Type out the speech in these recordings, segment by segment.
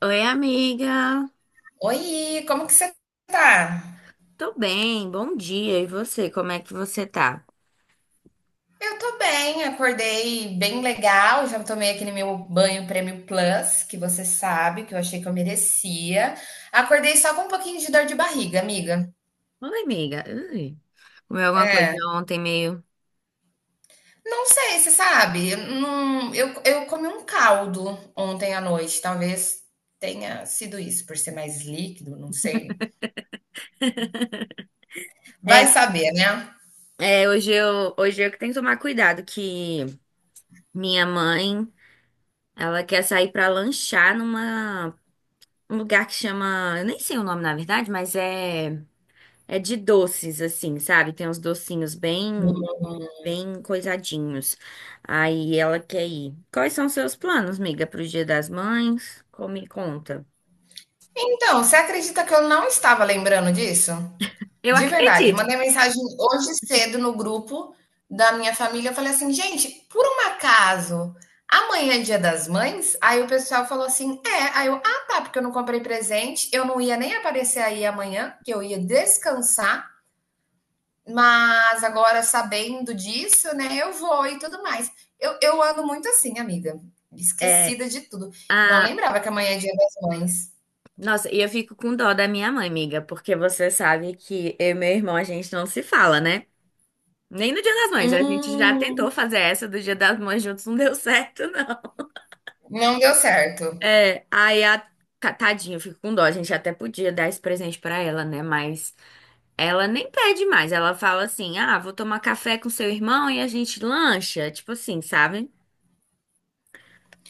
Oi, amiga. Oi, como que você tá? Tô bem, bom dia. E você, como é que você tá? Eu tô bem, acordei bem legal, já tomei aquele meu banho Prêmio Plus, que você sabe, que eu achei que eu merecia. Acordei só com um pouquinho de dor de barriga, amiga. Oi, amiga. Ui. Comeu alguma coisa É. ontem meio. Não sei, você sabe, eu não, eu comi um caldo ontem à noite, talvez tenha sido isso, por ser mais líquido, não sei. É, Vai saber, né? Hoje eu que tenho que tomar cuidado, que minha mãe, ela quer sair pra lanchar numa um lugar que chama, eu nem sei o nome na verdade, mas é de doces assim, sabe? Tem uns docinhos bem coisadinhos. Aí ela quer ir. Quais são os seus planos, amiga, pro Dia das Mães? Como me conta? Então, você acredita que eu não estava lembrando disso? Eu De verdade, acredito. mandei mensagem hoje cedo no grupo da minha família. Eu falei assim, gente, por um acaso, amanhã é Dia das Mães? Aí o pessoal falou assim, é. Aí eu, ah, tá, porque eu não comprei presente. Eu não ia nem aparecer aí amanhã, que eu ia descansar. Mas agora, sabendo disso, né, eu vou e tudo mais. Eu ando muito assim, amiga. É, Esquecida de tudo. Não a... lembrava que amanhã é Dia das Mães. Nossa, e eu fico com dó da minha mãe, amiga, porque você sabe que eu e meu irmão a gente não se fala, né? Nem no Dia das Mães. A gente já tentou Hum, fazer essa do Dia das Mães juntos, não deu certo, não. não deu certo. É, aí a tadinha, eu fico com dó. A gente até podia dar esse presente pra ela, né? Mas ela nem pede mais. Ela fala assim: "Ah, vou tomar café com seu irmão e a gente lancha", tipo assim, sabe?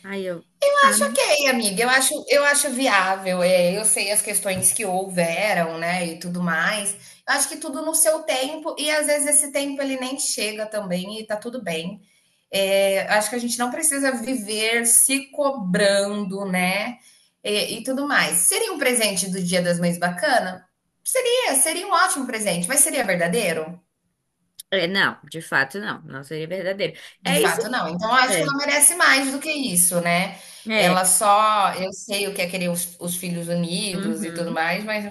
Aí eu, ah, Acho ok, amiga. Eu acho viável. É, eu sei as questões que houveram, né, e tudo mais. Eu acho que tudo no seu tempo e às vezes esse tempo ele nem chega também e tá tudo bem. É, acho que a gente não precisa viver se cobrando, né, e tudo mais. Seria um presente do Dia das Mães bacana? Seria um ótimo presente, mas seria verdadeiro? é, não, de fato não, não seria verdadeiro. De É isso. fato, não. Então, eu acho que É. ela merece mais do que isso, né. Ela É. só eu sei o que é querer os filhos unidos e tudo Uhum. mais, mas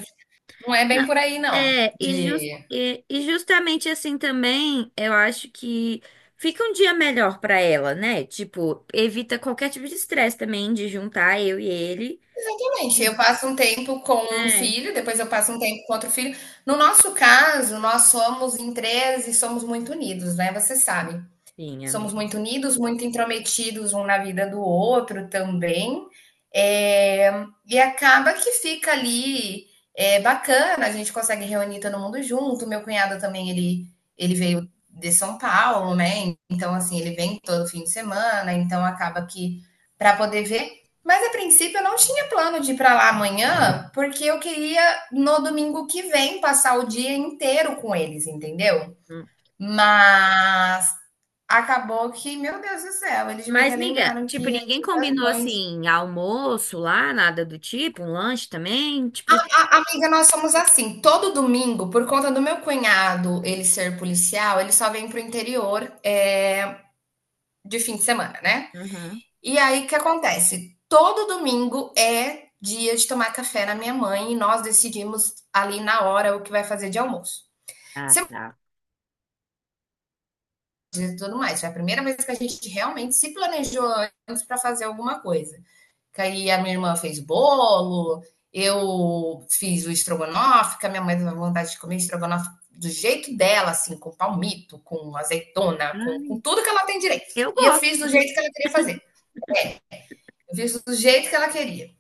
não é Não. bem por aí não, É, e, de e justamente assim também, eu acho que fica um dia melhor pra ela, né? Tipo, evita qualquer tipo de estresse também de juntar eu e ele. exatamente, eu E, passo um tempo com um é, filho, depois eu passo um tempo com outro filho. No nosso caso, nós somos em 3 e somos muito unidos, né, você sabe. sim, Somos amiga. muito unidos, muito intrometidos um na vida do outro também. E acaba que fica ali, bacana, a gente consegue reunir todo mundo junto. Meu cunhado também, ele veio de São Paulo, né? Então, assim, ele vem todo fim de semana, então acaba que para poder ver. Mas a princípio eu não tinha plano de ir para lá amanhã, porque eu queria no domingo que vem passar o dia inteiro com eles, entendeu? Hum. Mas acabou que, meu Deus do céu, eles me Mas, amiga, relembraram tipo, que é ninguém Dia das combinou Mães. assim almoço lá, nada do tipo, um lanche também, tipo, A amiga, nós somos assim, todo domingo, por conta do meu cunhado, ele ser policial, ele só vem pro interior, de fim de semana, né. uhum. E aí, o que acontece? Todo domingo é dia de tomar café na minha mãe e nós decidimos ali na hora o que vai fazer de almoço. Ah, Sem tá. e tudo mais, foi a primeira vez que a gente realmente se planejou antes pra fazer alguma coisa. Que aí a minha irmã fez bolo, eu fiz o estrogonofe, que a minha mãe teve vontade de comer estrogonofe do jeito dela, assim, com palmito, com azeitona, com Ai, tudo que ela tem direito. eu E eu gosto, fiz do sabe? jeito que ela queria fazer. Eu fiz do jeito que ela queria.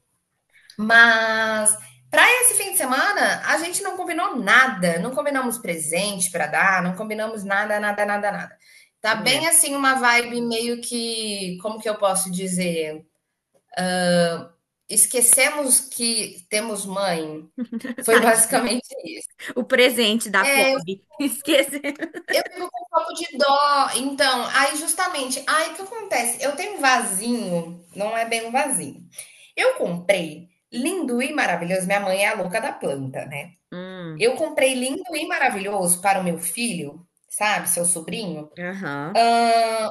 Mas para esse fim de semana, a gente não combinou nada. Não combinamos presente para dar, não combinamos nada, nada, nada, nada. Tá bem É. assim uma vibe meio que, como que eu posso dizer? Esquecemos que temos mãe. Foi Tadinho. basicamente isso. O presente da pobre. Esqueci. Eu fico com um pouco de dó. Então, aí justamente, aí o que acontece? Eu tenho um vasinho, não é bem um vasinho. Eu comprei lindo e maravilhoso. Minha mãe é a louca da planta, né? Hum, Eu comprei lindo e maravilhoso para o meu filho, sabe, seu sobrinho. aham. Hã,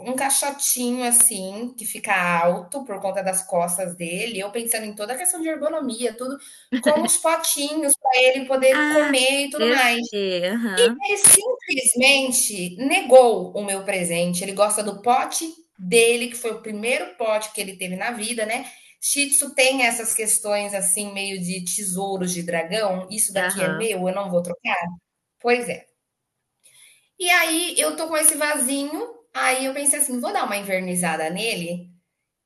um caixotinho, assim, que fica alto por conta das costas dele, eu pensando em toda a questão de ergonomia, tudo, com os potinhos para ele poder Ah, comer e tudo esse mais. sei, aham, Ele simplesmente negou o meu presente, ele gosta do pote dele, que foi o primeiro pote que ele teve na vida, né. Shih Tzu tem essas questões, assim, meio de tesouros de dragão, "Isso daqui é aham. meu, eu não vou trocar". Pois é. E aí eu tô com esse vasinho, aí eu pensei assim, vou dar uma invernizada nele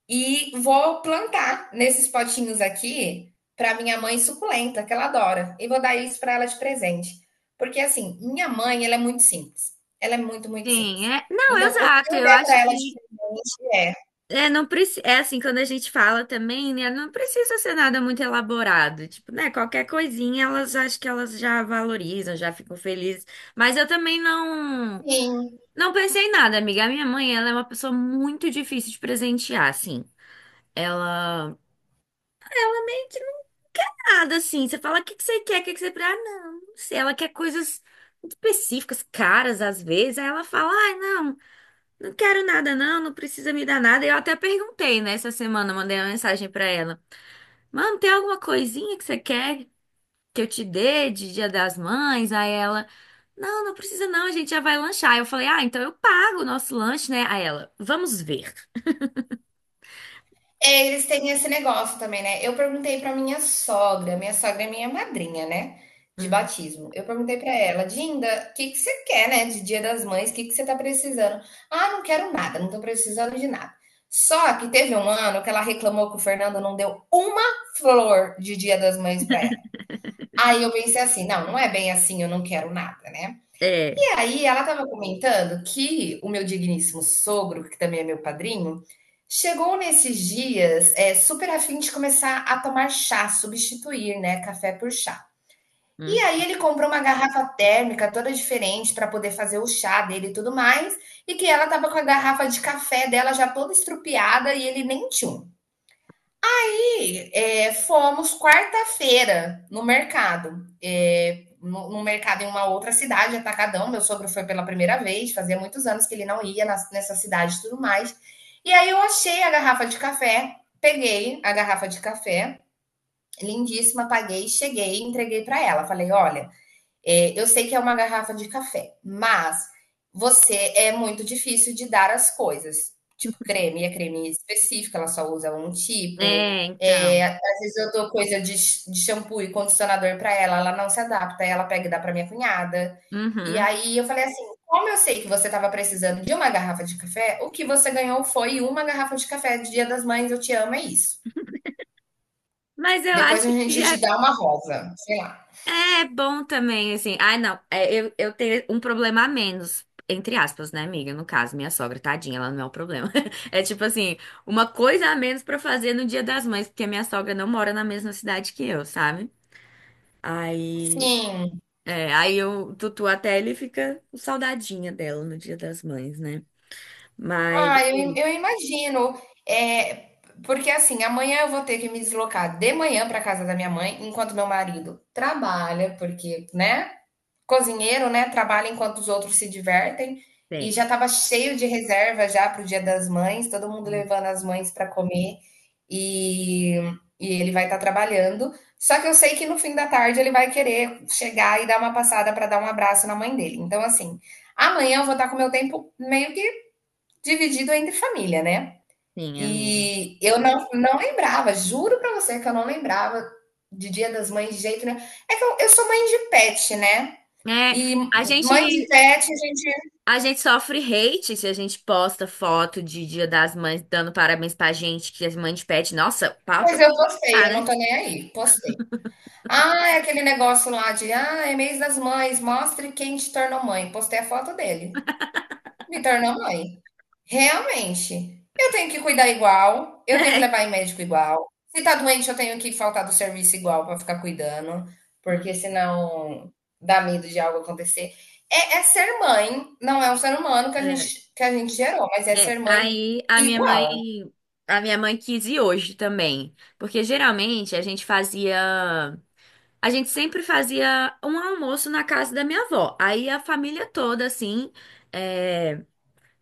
e vou plantar nesses potinhos aqui para minha mãe suculenta, que ela adora, e vou dar isso para ela de presente. Porque assim, minha mãe, ela é muito simples. Ela é muito, muito Sim, simples. é. Não, Então, o que exato, eu eu der acho para ela de que. presente é, É, não precisa é assim, quando a gente fala também, né? Não precisa ser nada muito elaborado. Tipo, né? Qualquer coisinha, elas acho que elas já valorizam, já ficam felizes. Mas eu também não sim. não pensei em nada, amiga. A minha mãe, ela é uma pessoa muito difícil de presentear, assim. Ela. Nada assim. Você fala, o que que você quer? O que que você. Pre-" Ah, não, não sei. Ela quer coisas muito específicas, caras às vezes. Aí ela fala, ai, não. Não quero nada, não, não precisa me dar nada. Eu até perguntei, né, essa semana, mandei uma mensagem pra ela. Mano, tem alguma coisinha que você quer que eu te dê de Dia das Mães? Aí ela, não, não precisa não, a gente já vai lanchar. Aí eu falei, ah, então eu pago o nosso lanche, né? Aí ela, vamos ver. É, eles têm esse negócio também, né. Eu perguntei para minha sogra é minha madrinha, né, de Uhum, batismo. Eu perguntei para ela: "Dinda, o que que você quer, né, de Dia das Mães, o que que você tá precisando?". "Ah, não quero nada, não tô precisando de nada". Só que teve um ano que ela reclamou que o Fernando não deu uma flor de Dia das Mães para ela. Aí eu pensei assim: "Não, não é bem assim, eu não quero nada, né". é, E aí ela estava comentando que o meu digníssimo sogro, que também é meu padrinho, chegou nesses dias, super afim de começar a tomar chá, substituir, né, café por chá. E uhum. aí ele comprou uma garrafa térmica toda diferente para poder fazer o chá dele e tudo mais, e que ela estava com a garrafa de café dela já toda estrupiada e ele nem tchum. É, fomos quarta-feira no mercado. É, no mercado em uma outra cidade, Atacadão. Meu sogro foi pela primeira vez, fazia muitos anos que ele não ia nessa cidade e tudo mais. E aí eu achei a garrafa de café, peguei a garrafa de café, lindíssima, paguei, cheguei, entreguei para ela. Falei: olha, é, eu sei que é uma garrafa de café, mas você é muito difícil de dar as coisas. Tipo, creme é creme específico, ela só usa um tipo. É, É, então. às vezes eu dou coisa de shampoo e condicionador para ela, ela não se adapta, ela pega e dá para minha cunhada. E Uhum. aí eu falei assim: como eu sei que você estava precisando de uma garrafa de café, o que você ganhou foi uma garrafa de café de Dia das Mães, eu te amo, é isso. Mas eu Depois acho a que gente te é dá uma rosa, sei lá. é bom também, assim. Ah, não. É, eu tenho um problema a menos, entre aspas, né, amiga? No caso, minha sogra, tadinha, ela não é o problema. É tipo assim, uma coisa a menos pra fazer no Dia das Mães, porque a minha sogra não mora na mesma cidade que eu, sabe? Aí. Sim. É, o Tutu até ele fica com saudadinha dela no Dia das Mães, né? Mas. Ah, eu, im- Sim, eu imagino. É, porque assim, amanhã eu vou ter que me deslocar de manhã para casa da minha mãe, enquanto meu marido trabalha, porque, né? Cozinheiro, né? Trabalha enquanto os outros se divertem. E tem. já estava cheio de reserva já para o Dia das Mães, todo mundo levando as mães para comer. E, e ele vai estar trabalhando. Só que eu sei que no fim da tarde ele vai querer chegar e dar uma passada para dar um abraço na mãe dele. Então, assim, amanhã eu vou estar com o meu tempo meio que dividido entre família, né. Sim, amiga. E eu não lembrava, juro pra você que eu não lembrava de Dia das Mães de jeito nenhum. É que eu sou mãe de pet, né, É, e a mãe de gente. pet a gente A gente sofre hate se a gente posta foto de Dia das Mães dando parabéns pra gente, que as mães pedem. Nossa, pauta pois eu pra postei, cá, eu não né? tô nem aí, postei. Ah, é aquele negócio lá de: "Ah, é mês das mães, mostre quem te tornou mãe", postei a foto dele, me tornou mãe. Realmente. Eu tenho que cuidar igual, eu tenho que levar em médico igual. Se tá doente, eu tenho que faltar do serviço igual pra ficar cuidando, É. porque senão dá medo de algo acontecer. É ser mãe, não é um ser humano que a é. gente que a gente gerou, mas é É. ser mãe Aí igual. a minha mãe quis ir hoje também, porque geralmente a gente fazia, a gente sempre fazia um almoço na casa da minha avó. Aí a família toda assim, é,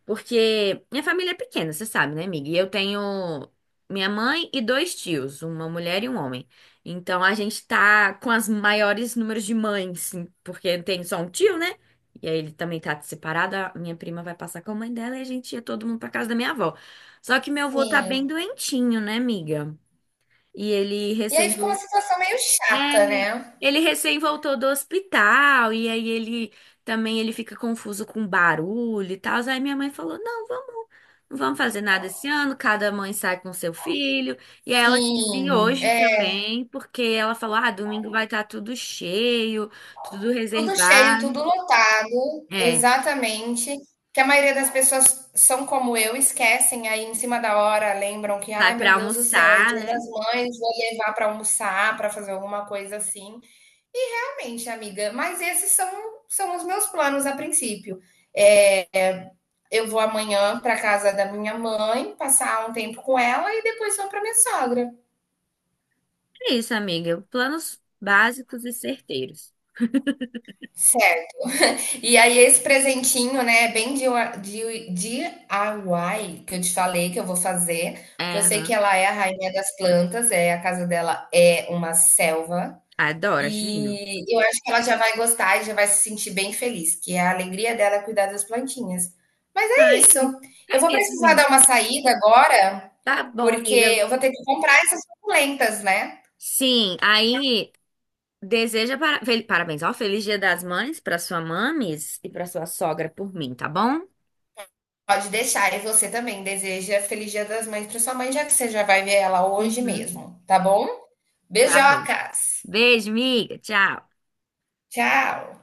porque minha família é pequena, você sabe, né, amiga? E eu tenho minha mãe e dois tios, uma mulher e um homem. Então a gente tá com as maiores números de mães, sim, porque tem só um tio, né? E aí ele também tá separado, a minha prima vai passar com a mãe dela e a gente ia todo mundo pra casa da minha avó. Só que meu avô tá Sim. bem doentinho, né, amiga? E ele E aí recém fica uma situação meio é, chata, né. ele recém voltou do hospital e aí ele também ele fica confuso com barulho e tal. Aí minha mãe falou: "Não, vamos, não vamos fazer nada esse ano, cada mãe sai com seu filho". E aí ela quis vir Sim, hoje é. também, porque ela falou: "Ah, domingo vai estar tudo cheio, tudo Tudo cheio, reservado". tudo lotado, É, exatamente. Que a maioria das pessoas são como eu, esquecem aí em cima da hora, lembram que, ai sai meu para Deus do céu, é almoçar, Dia né? das Mães, vou levar para almoçar, para fazer alguma coisa assim. E realmente, amiga, mas esses são os meus planos a princípio. É, eu vou amanhã para casa da minha mãe, passar um tempo com ela e depois vou para minha sogra. É isso, amiga. Planos básicos e certeiros. E aí, esse presentinho, né, é bem de DIY, que eu te falei que eu vou fazer, É, porque eu sei que aham. ela é a rainha das plantas, é, a casa dela é uma selva, Adoro, acho lindo. e eu acho que ela já vai gostar e já vai se sentir bem feliz, que é a alegria dela é cuidar das plantinhas. Mas é isso. Ai, Eu vou é isso, precisar amiga. dar uma saída agora, Tá bom, porque amiga. eu vou ter que comprar essas suculentas, né? Sim, aí deseja para... parabéns, ó, feliz Dia das Mães para sua mames e para sua sogra por mim, tá bom? Pode deixar, e você também deseja Feliz Dia das Mães para sua mãe, já que você já vai ver ela hoje Uhum. mesmo, tá bom? Tá bom. Beijocas. Beijo, miga. Tchau. Tchau.